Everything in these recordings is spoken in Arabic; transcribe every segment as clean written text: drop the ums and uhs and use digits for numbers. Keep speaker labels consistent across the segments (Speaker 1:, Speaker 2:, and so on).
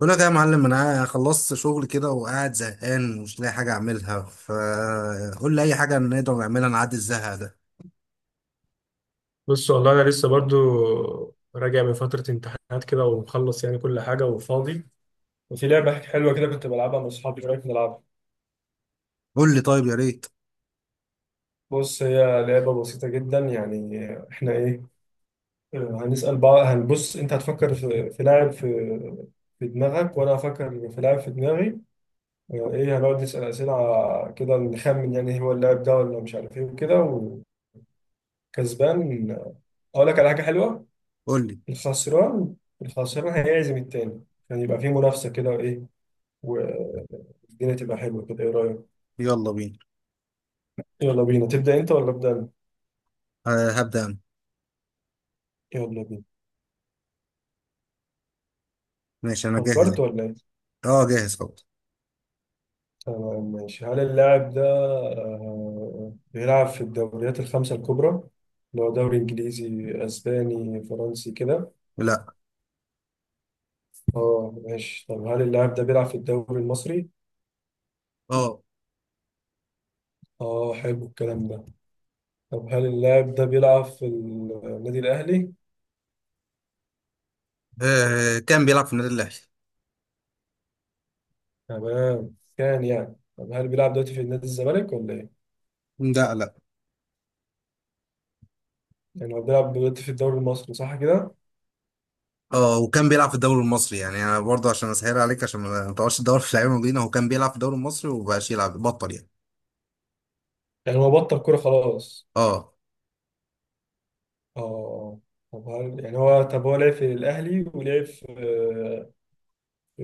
Speaker 1: بقول لك إيه يا معلم، انا خلصت شغل كده وقاعد زهقان ومش لاقي حاجه اعملها، فقول لي اي حاجه نقدر نعملها نعدي الزهق ده.
Speaker 2: بص والله انا لسه برضو راجع من فتره امتحانات كده ومخلص يعني كل حاجه وفاضي. وفي لعبه حلوه كده كنت بلعبها مع اصحابي، ايه رايك نلعبها؟
Speaker 1: قول لي، طيب، يا ريت.
Speaker 2: بص هي لعبه بسيطه جدا يعني. احنا ايه؟ آه، هنسال بعض. هنبص انت هتفكر في لاعب في في دماغك وانا هفكر في لاعب في دماغي. ايه، هنقعد نسال اسئله كده نخمن يعني هو اللاعب ده ولا مش عارف ايه وكده، وكسبان اقول لك على حاجه حلوه.
Speaker 1: قول لي،
Speaker 2: الخسران، الخسران هيعزم التاني، يعني يبقى في منافسه كده وايه، والدنيا تبقى حلوة كده. ايه رأيك؟
Speaker 1: يلا بينا.
Speaker 2: يلا بينا، تبدأ انت ولا أبدأ انا؟
Speaker 1: أه، هبدا انا.
Speaker 2: يلا بينا.
Speaker 1: ماشي، انا جاهز.
Speaker 2: فكرت ولا ايه؟
Speaker 1: اه، جاهز خلاص.
Speaker 2: تمام ماشي، هل اللاعب ده بيلعب في الدوريات الخمسة الكبرى؟ اللي هو دوري انجليزي، اسباني، فرنسي كده.
Speaker 1: لا.
Speaker 2: اه ماشي، طب هل اللاعب ده بيلعب في الدوري المصري؟
Speaker 1: اه.
Speaker 2: اه، حلو الكلام ده. طب هل اللاعب ده بيلعب في النادي الاهلي؟
Speaker 1: آه، كان بيلعب في النادي الاهلي.
Speaker 2: تمام، كان يعني. طب هل بيلعب دلوقتي في نادي الزمالك ولا ايه؟
Speaker 1: لا، لا.
Speaker 2: يعني هو بيلعب دلوقتي في الدوري المصري صح كده؟
Speaker 1: اه، وكان بيلعب في الدوري المصري، يعني انا برضه عشان اسهل عليك عشان ما تقعدش تدور في لعيبه مدينه. هو كان بيلعب في الدوري المصري ومبقاش يلعب، بطل يعني.
Speaker 2: يعني هو بطل كورة خلاص.
Speaker 1: اه.
Speaker 2: اه. طب هل يعني هو، طب هو لعب في الأهلي ولعب في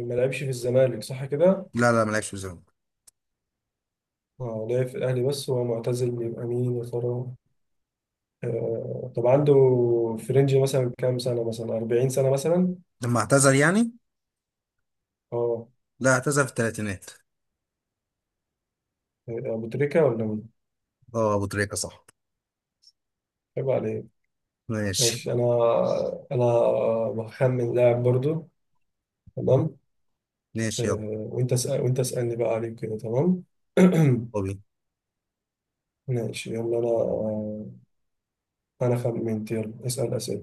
Speaker 2: ما لعبش في الزمالك صح كده؟
Speaker 1: لا، لا ما لعبش في الزمالك.
Speaker 2: اه، لعب في الأهلي بس وهو معتزل، يبقى مين يا ترى؟ طب عنده فرنجي مثلا كام سنة، مثلا 40 سنة مثلا؟
Speaker 1: لما اعتزل يعني.
Speaker 2: اه.
Speaker 1: لا، اعتزل في الثلاثينات.
Speaker 2: أبو تريكة ولا مين؟
Speaker 1: اه، ابو تريكه صح.
Speaker 2: عيب عليك.
Speaker 1: ماشي.
Speaker 2: ماشي. أنا بخمن لاعب برضو. تمام.
Speaker 1: ماشي. يلا.
Speaker 2: وأنت اسألني بقى عليه كده تمام؟
Speaker 1: طبيعي.
Speaker 2: ماشي يلا أنا. انا خالد منت، يلا اسال اسئله.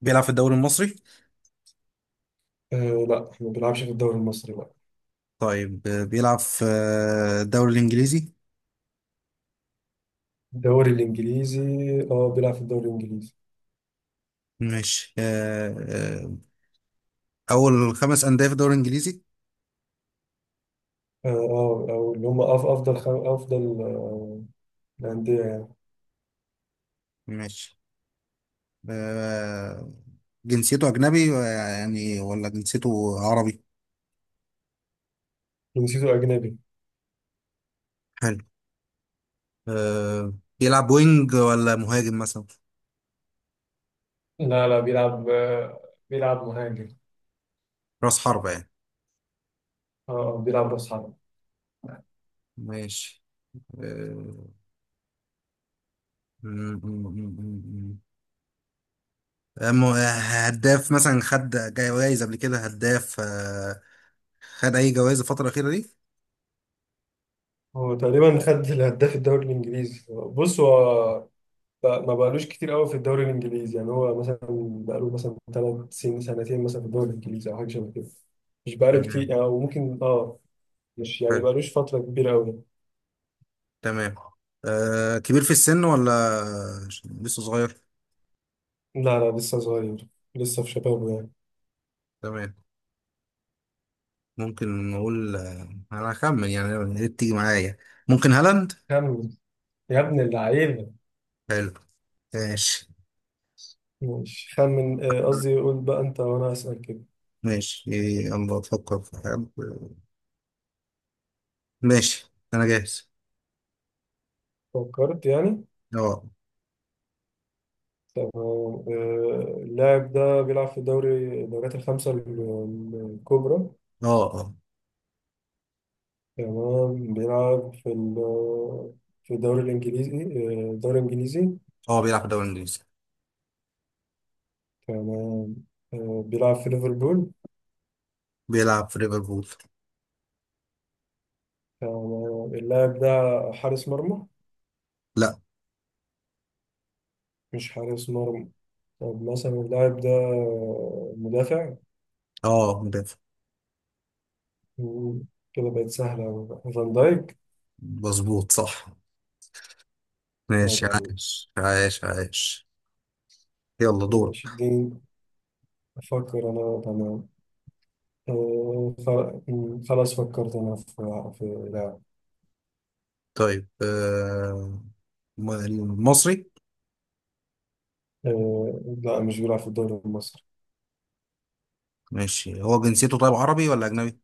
Speaker 1: بيلعب في الدوري المصري.
Speaker 2: أه. لا احنا ما بنلعبش في الدوري المصري، لا.
Speaker 1: طيب، بيلعب في الدوري الإنجليزي.
Speaker 2: الدوري الانجليزي. اه، بيلعب في الدوري الانجليزي.
Speaker 1: ماشي. أول خمس أندية في الدوري الإنجليزي.
Speaker 2: اه. او اللي هم افضل الانديه يعني.
Speaker 1: ماشي. آه، جنسيته أجنبي، يعني ولا جنسيته عربي؟
Speaker 2: جنسيته اجنبي.
Speaker 1: حلو. آه، بيلعب وينج ولا مهاجم مثلا؟
Speaker 2: لا لا، بيلعب بيلعب مهاجم.
Speaker 1: رأس حربة يعني.
Speaker 2: اه. بيلعب راس حرب.
Speaker 1: ماشي. آه، م- م- م- م- م. آه، م- آه، هداف مثلا، خد جايزة قبل كده، هداف، خد اي جوائز الفتره الاخيره دي؟
Speaker 2: هو تقريبا خد الهداف الدوري الانجليزي. بص هو ما بقالوش كتير قوي في الدوري الانجليزي، يعني هو مثلا بقاله مثلا ثلاث سنين، سنتين مثلا في الدوري الانجليزي، او حاجه شبه كده. مش بقاله
Speaker 1: تمام.
Speaker 2: كتير يعني، أو ممكن اه، مش يعني
Speaker 1: حلو.
Speaker 2: بقالوش فترة كبيرة أوي.
Speaker 1: تمام. كبير في السن ولا لسه صغير؟
Speaker 2: لا لا، لسه صغير، لسه في شبابه يعني.
Speaker 1: تمام. ممكن نقول، انا هخمن يعني، يا ريت تيجي معايا. ممكن هالاند.
Speaker 2: خمن يا ابن اللعيبة.
Speaker 1: حلو. ماشي.
Speaker 2: مش خمن، قصدي قول بقى أنت وأنا أسأل كده.
Speaker 1: ماشي. يلا افكر في حد. ماشي، انا جاهز.
Speaker 2: فكرت يعني.
Speaker 1: اه.
Speaker 2: تمام. اللاعب ده بيلعب في الدوريات الخمسة الكبرى.
Speaker 1: اه. اه.
Speaker 2: تمام بيلعب في في الدوري الإنجليزي. الدوري الإنجليزي.
Speaker 1: اه، بيلعب في الدوري الانجليزي.
Speaker 2: تمام. بيلعب في ليفربول.
Speaker 1: بيلعب في ليفربول.
Speaker 2: تمام. اللاعب ده حارس مرمى؟
Speaker 1: لا.
Speaker 2: مش حارس مرمى. طب مثلا اللاعب ده مدافع.
Speaker 1: اه، مدافع.
Speaker 2: مم، كده بقت سهلة أوي بقى. فان دايك.
Speaker 1: مظبوط صح.
Speaker 2: أو
Speaker 1: ماشي.
Speaker 2: بعدين.
Speaker 1: عايش عايش عايش. يلا دور.
Speaker 2: ماشي اديني أفكر أنا. تمام. خلاص فكرت أنا في لاعب.
Speaker 1: طيب، المصري.
Speaker 2: لا مش بيلعب في الدوري المصري،
Speaker 1: ماشي. هو جنسيته، طيب، عربي ولا أجنبي؟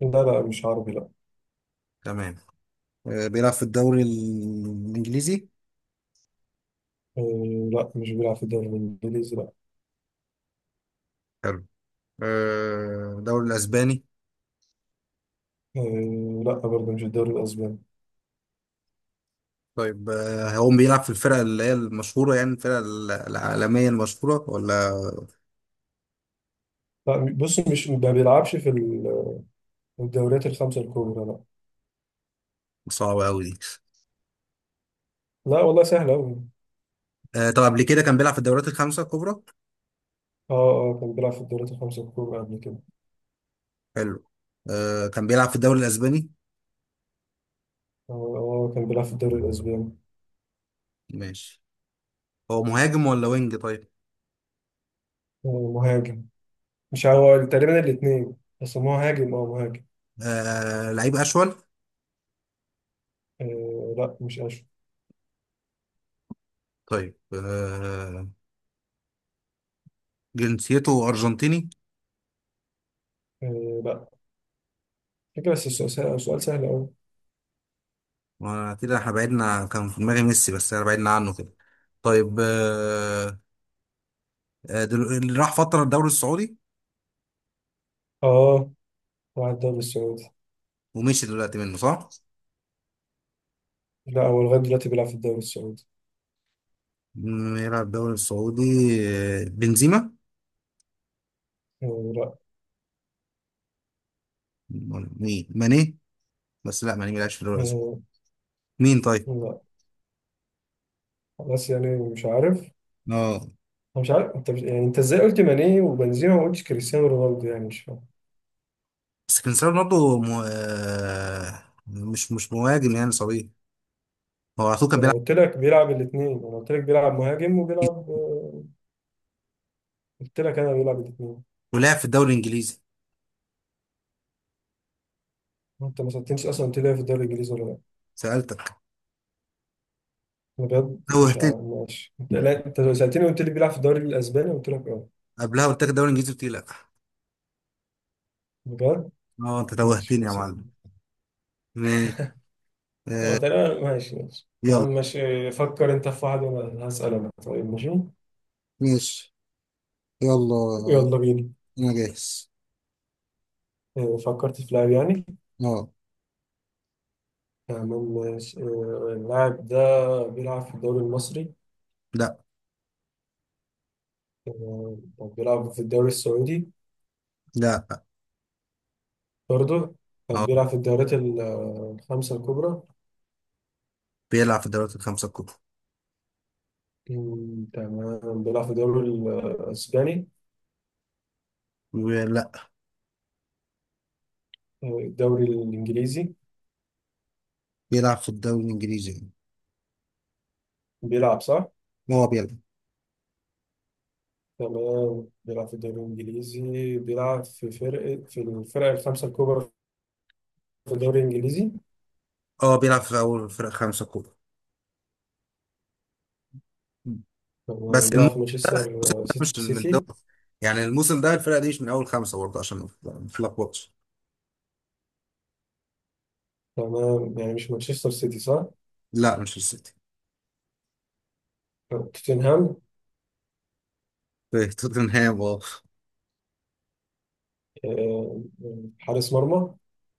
Speaker 2: لا. لا مش عربي، لا.
Speaker 1: تمام. آه، بيلعب في الدوري الإنجليزي؟
Speaker 2: لا مش بيلعب في الدوري الإنجليزي، لا.
Speaker 1: حلو. آه، الدوري الأسباني؟
Speaker 2: لا برضه مش الدوري الأسباني.
Speaker 1: طيب، هو بيلعب في الفرق اللي هي المشهورة، يعني الفرق العالمية المشهورة، ولا؟
Speaker 2: لا بص مش، ما بيلعبش في الدوريات الخمسة الكبرى، لا.
Speaker 1: صعبة أوي دي؟
Speaker 2: لا والله سهلة أوي.
Speaker 1: آه، طب قبل كده كان بيلعب في الدوريات الخمسة الكبرى؟
Speaker 2: اه اه، كان بيلعب في الدوريات الخمسة الكبرى قبل كده.
Speaker 1: حلو. آه، كان بيلعب في الدوري الأسباني؟
Speaker 2: اه. كان بيلعب في الدوري الأسباني.
Speaker 1: ماشي. هو مهاجم ولا وينج، طيب؟
Speaker 2: مهاجم، مش هو تقريبا الاتنين، بس هو مهاجم، اه مهاجم.
Speaker 1: آه، لعيب أشول؟
Speaker 2: آه لا، مش أشو.
Speaker 1: طيب، جنسيته أرجنتيني؟
Speaker 2: آه لا. فكرة بس، السؤال سهل، السؤال سهل أوي.
Speaker 1: ما كده احنا بعدنا عن- كان في دماغي ميسي، بس انا بعدنا عنه كده. طيب، اللي راح فترة الدوري السعودي
Speaker 2: اه، راح الدوري السعودي.
Speaker 1: ومشي دلوقتي منه صح؟
Speaker 2: لا هو لغاية دلوقتي بيلعب في الدوري السعودي.
Speaker 1: يلعب الدوري السعودي. آه، بنزيما؟
Speaker 2: آه لا.
Speaker 1: ولا مين؟ ماني؟ بس لا، ماني ملعبش في الدوري السعودي.
Speaker 2: آه
Speaker 1: مين طيب؟
Speaker 2: لا. خلاص يعني مش عارف.
Speaker 1: اه.
Speaker 2: أنا مش عارف انت مش، يعني انت ازاي قلت ماني وبنزيما وما قلتش كريستيانو رونالدو، يعني مش فاهم.
Speaker 1: بس كريستيانو رونالدو م... آه، مش مش مهاجم، يعني صغير. هو على طول كان
Speaker 2: ما انا
Speaker 1: بيلعب
Speaker 2: قلت لك بيلعب الاثنين، انا قلت لك بيلعب مهاجم
Speaker 1: إنجليزي،
Speaker 2: وبيلعب قلت لك انا بيلعب الاثنين.
Speaker 1: ولعب في الدوري الانجليزي.
Speaker 2: انت ما سالتنيش اصلا، قلت لي في الدوري الانجليزي ولا لا.
Speaker 1: سألتك.
Speaker 2: انا بجد مش
Speaker 1: توهتني.
Speaker 2: عارف. ماشي انت، لا انت سالتني وقلت لي بيلعب في الدوري الاسباني، قلت لك اه.
Speaker 1: قبلها قلت لك الدوري الانجليزي، قلت لي لا.
Speaker 2: بجد.
Speaker 1: اه، انت
Speaker 2: ماشي
Speaker 1: توهتني يا
Speaker 2: خلاص يا عم.
Speaker 1: معلم. ماشي.
Speaker 2: اه
Speaker 1: آه،
Speaker 2: تمام ماشي، ماشي يا
Speaker 1: يلا.
Speaker 2: عم ماشي. فكر انت في واحد وانا هسال انا، طيب ماشي.
Speaker 1: ماشي. يلا
Speaker 2: يلا بينا.
Speaker 1: انا جاهز.
Speaker 2: فكرت في لاعب يعني.
Speaker 1: اه.
Speaker 2: تمام ماشي. اللاعب ده بيلعب في الدوري المصري؟
Speaker 1: لا.
Speaker 2: طب بيلعب في الدوري السعودي؟
Speaker 1: لا.
Speaker 2: برضه؟ طب
Speaker 1: اه،
Speaker 2: بيلعب في الدوريات الخمسة الكبرى؟
Speaker 1: بيلعب في الدوريات الخمسة الكبرى.
Speaker 2: تمام. بيلعب في الدوري الأسباني؟
Speaker 1: لا.
Speaker 2: الدوري الإنجليزي؟
Speaker 1: بيلعب في الدوري الانجليزي يعني.
Speaker 2: بيلعب صح؟
Speaker 1: هو بيلعب.
Speaker 2: تمام بيلعب في الدوري الإنجليزي. بيلعب في الفرق الخمسة الكبرى في الدوري الإنجليزي.
Speaker 1: اه، بيلعب في اول فرق خمسة كبرى،
Speaker 2: تمام
Speaker 1: بس
Speaker 2: بيلعب
Speaker 1: الموسم
Speaker 2: في مانشستر
Speaker 1: ده مش من الدوري،
Speaker 2: سيتي.
Speaker 1: يعني الموسم ده الفرقة دي مش من اول خمسة برضه، عشان ما نتلخبطش.
Speaker 2: تمام، يعني مش مانشستر سيتي صح؟
Speaker 1: لا، مش السيتي.
Speaker 2: توتنهام.
Speaker 1: في توتنهام، اه.
Speaker 2: آه، حارس مرمى؟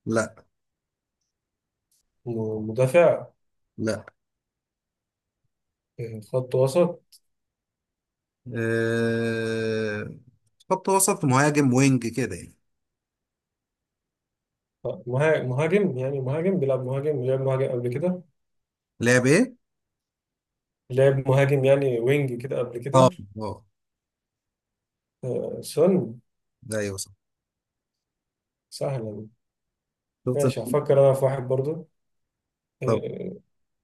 Speaker 1: لا.
Speaker 2: مدافع؟
Speaker 1: لا.
Speaker 2: خط وسط؟
Speaker 1: أه... خط وسط مهاجم وينج كده يعني.
Speaker 2: مهاجم يعني، مهاجم بيلعب، مهاجم لعب مهاجم قبل كده.
Speaker 1: لعب ايه؟
Speaker 2: لعب مهاجم يعني وينج كده قبل
Speaker 1: اه.
Speaker 2: كده.
Speaker 1: اه.
Speaker 2: سن.
Speaker 1: ده ايوه صح.
Speaker 2: سهلا.
Speaker 1: شفت.
Speaker 2: ماشي هفكر انا في واحد برضو. آه،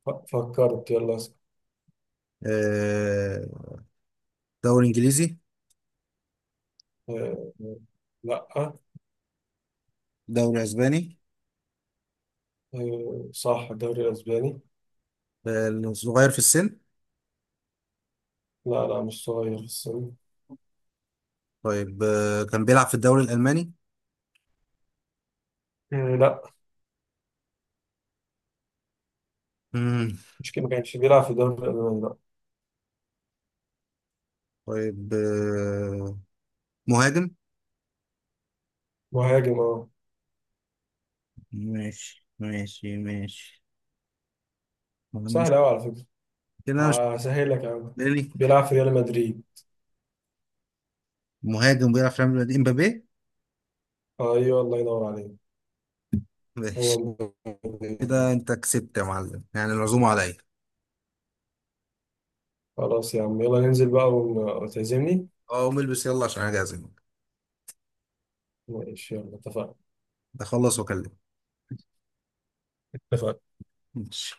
Speaker 2: ف- فكرت، يلا اسأل.
Speaker 1: آه، دوري انجليزي؟
Speaker 2: آه، لا.
Speaker 1: دوري اسباني؟
Speaker 2: صح الدوري الاسباني.
Speaker 1: صغير في السن؟
Speaker 2: لا لا مش صغير في السن.
Speaker 1: طيب، كان بيلعب في الدوري الالماني؟
Speaker 2: لا
Speaker 1: مم.
Speaker 2: مش كده، ما كانش بيلعب في الدوري الالماني، لا.
Speaker 1: طيب، مهاجم.
Speaker 2: مهاجم اه.
Speaker 1: ماشي ماشي ماشي. والله مش-.
Speaker 2: سهل قوي على فكره.
Speaker 1: كده مش
Speaker 2: هسهل لك يا عم.
Speaker 1: بالي.
Speaker 2: بيلعب في ريال مدريد.
Speaker 1: مهاجم بيلعب في ريال مدريد، امبابي.
Speaker 2: ايوه الله ينور عليك. هو
Speaker 1: ماشي. كده
Speaker 2: مدريد.
Speaker 1: انت كسبت يا معلم، يعني العزومه عليا.
Speaker 2: خلاص يا عم، يلا ننزل بقى وتعزمني.
Speaker 1: اه، قوم البس، يلا، عشان انا جاهز.
Speaker 2: ماشي يلا اتفقنا.
Speaker 1: بخلص واكلمك.
Speaker 2: اتفقنا.
Speaker 1: ماشي.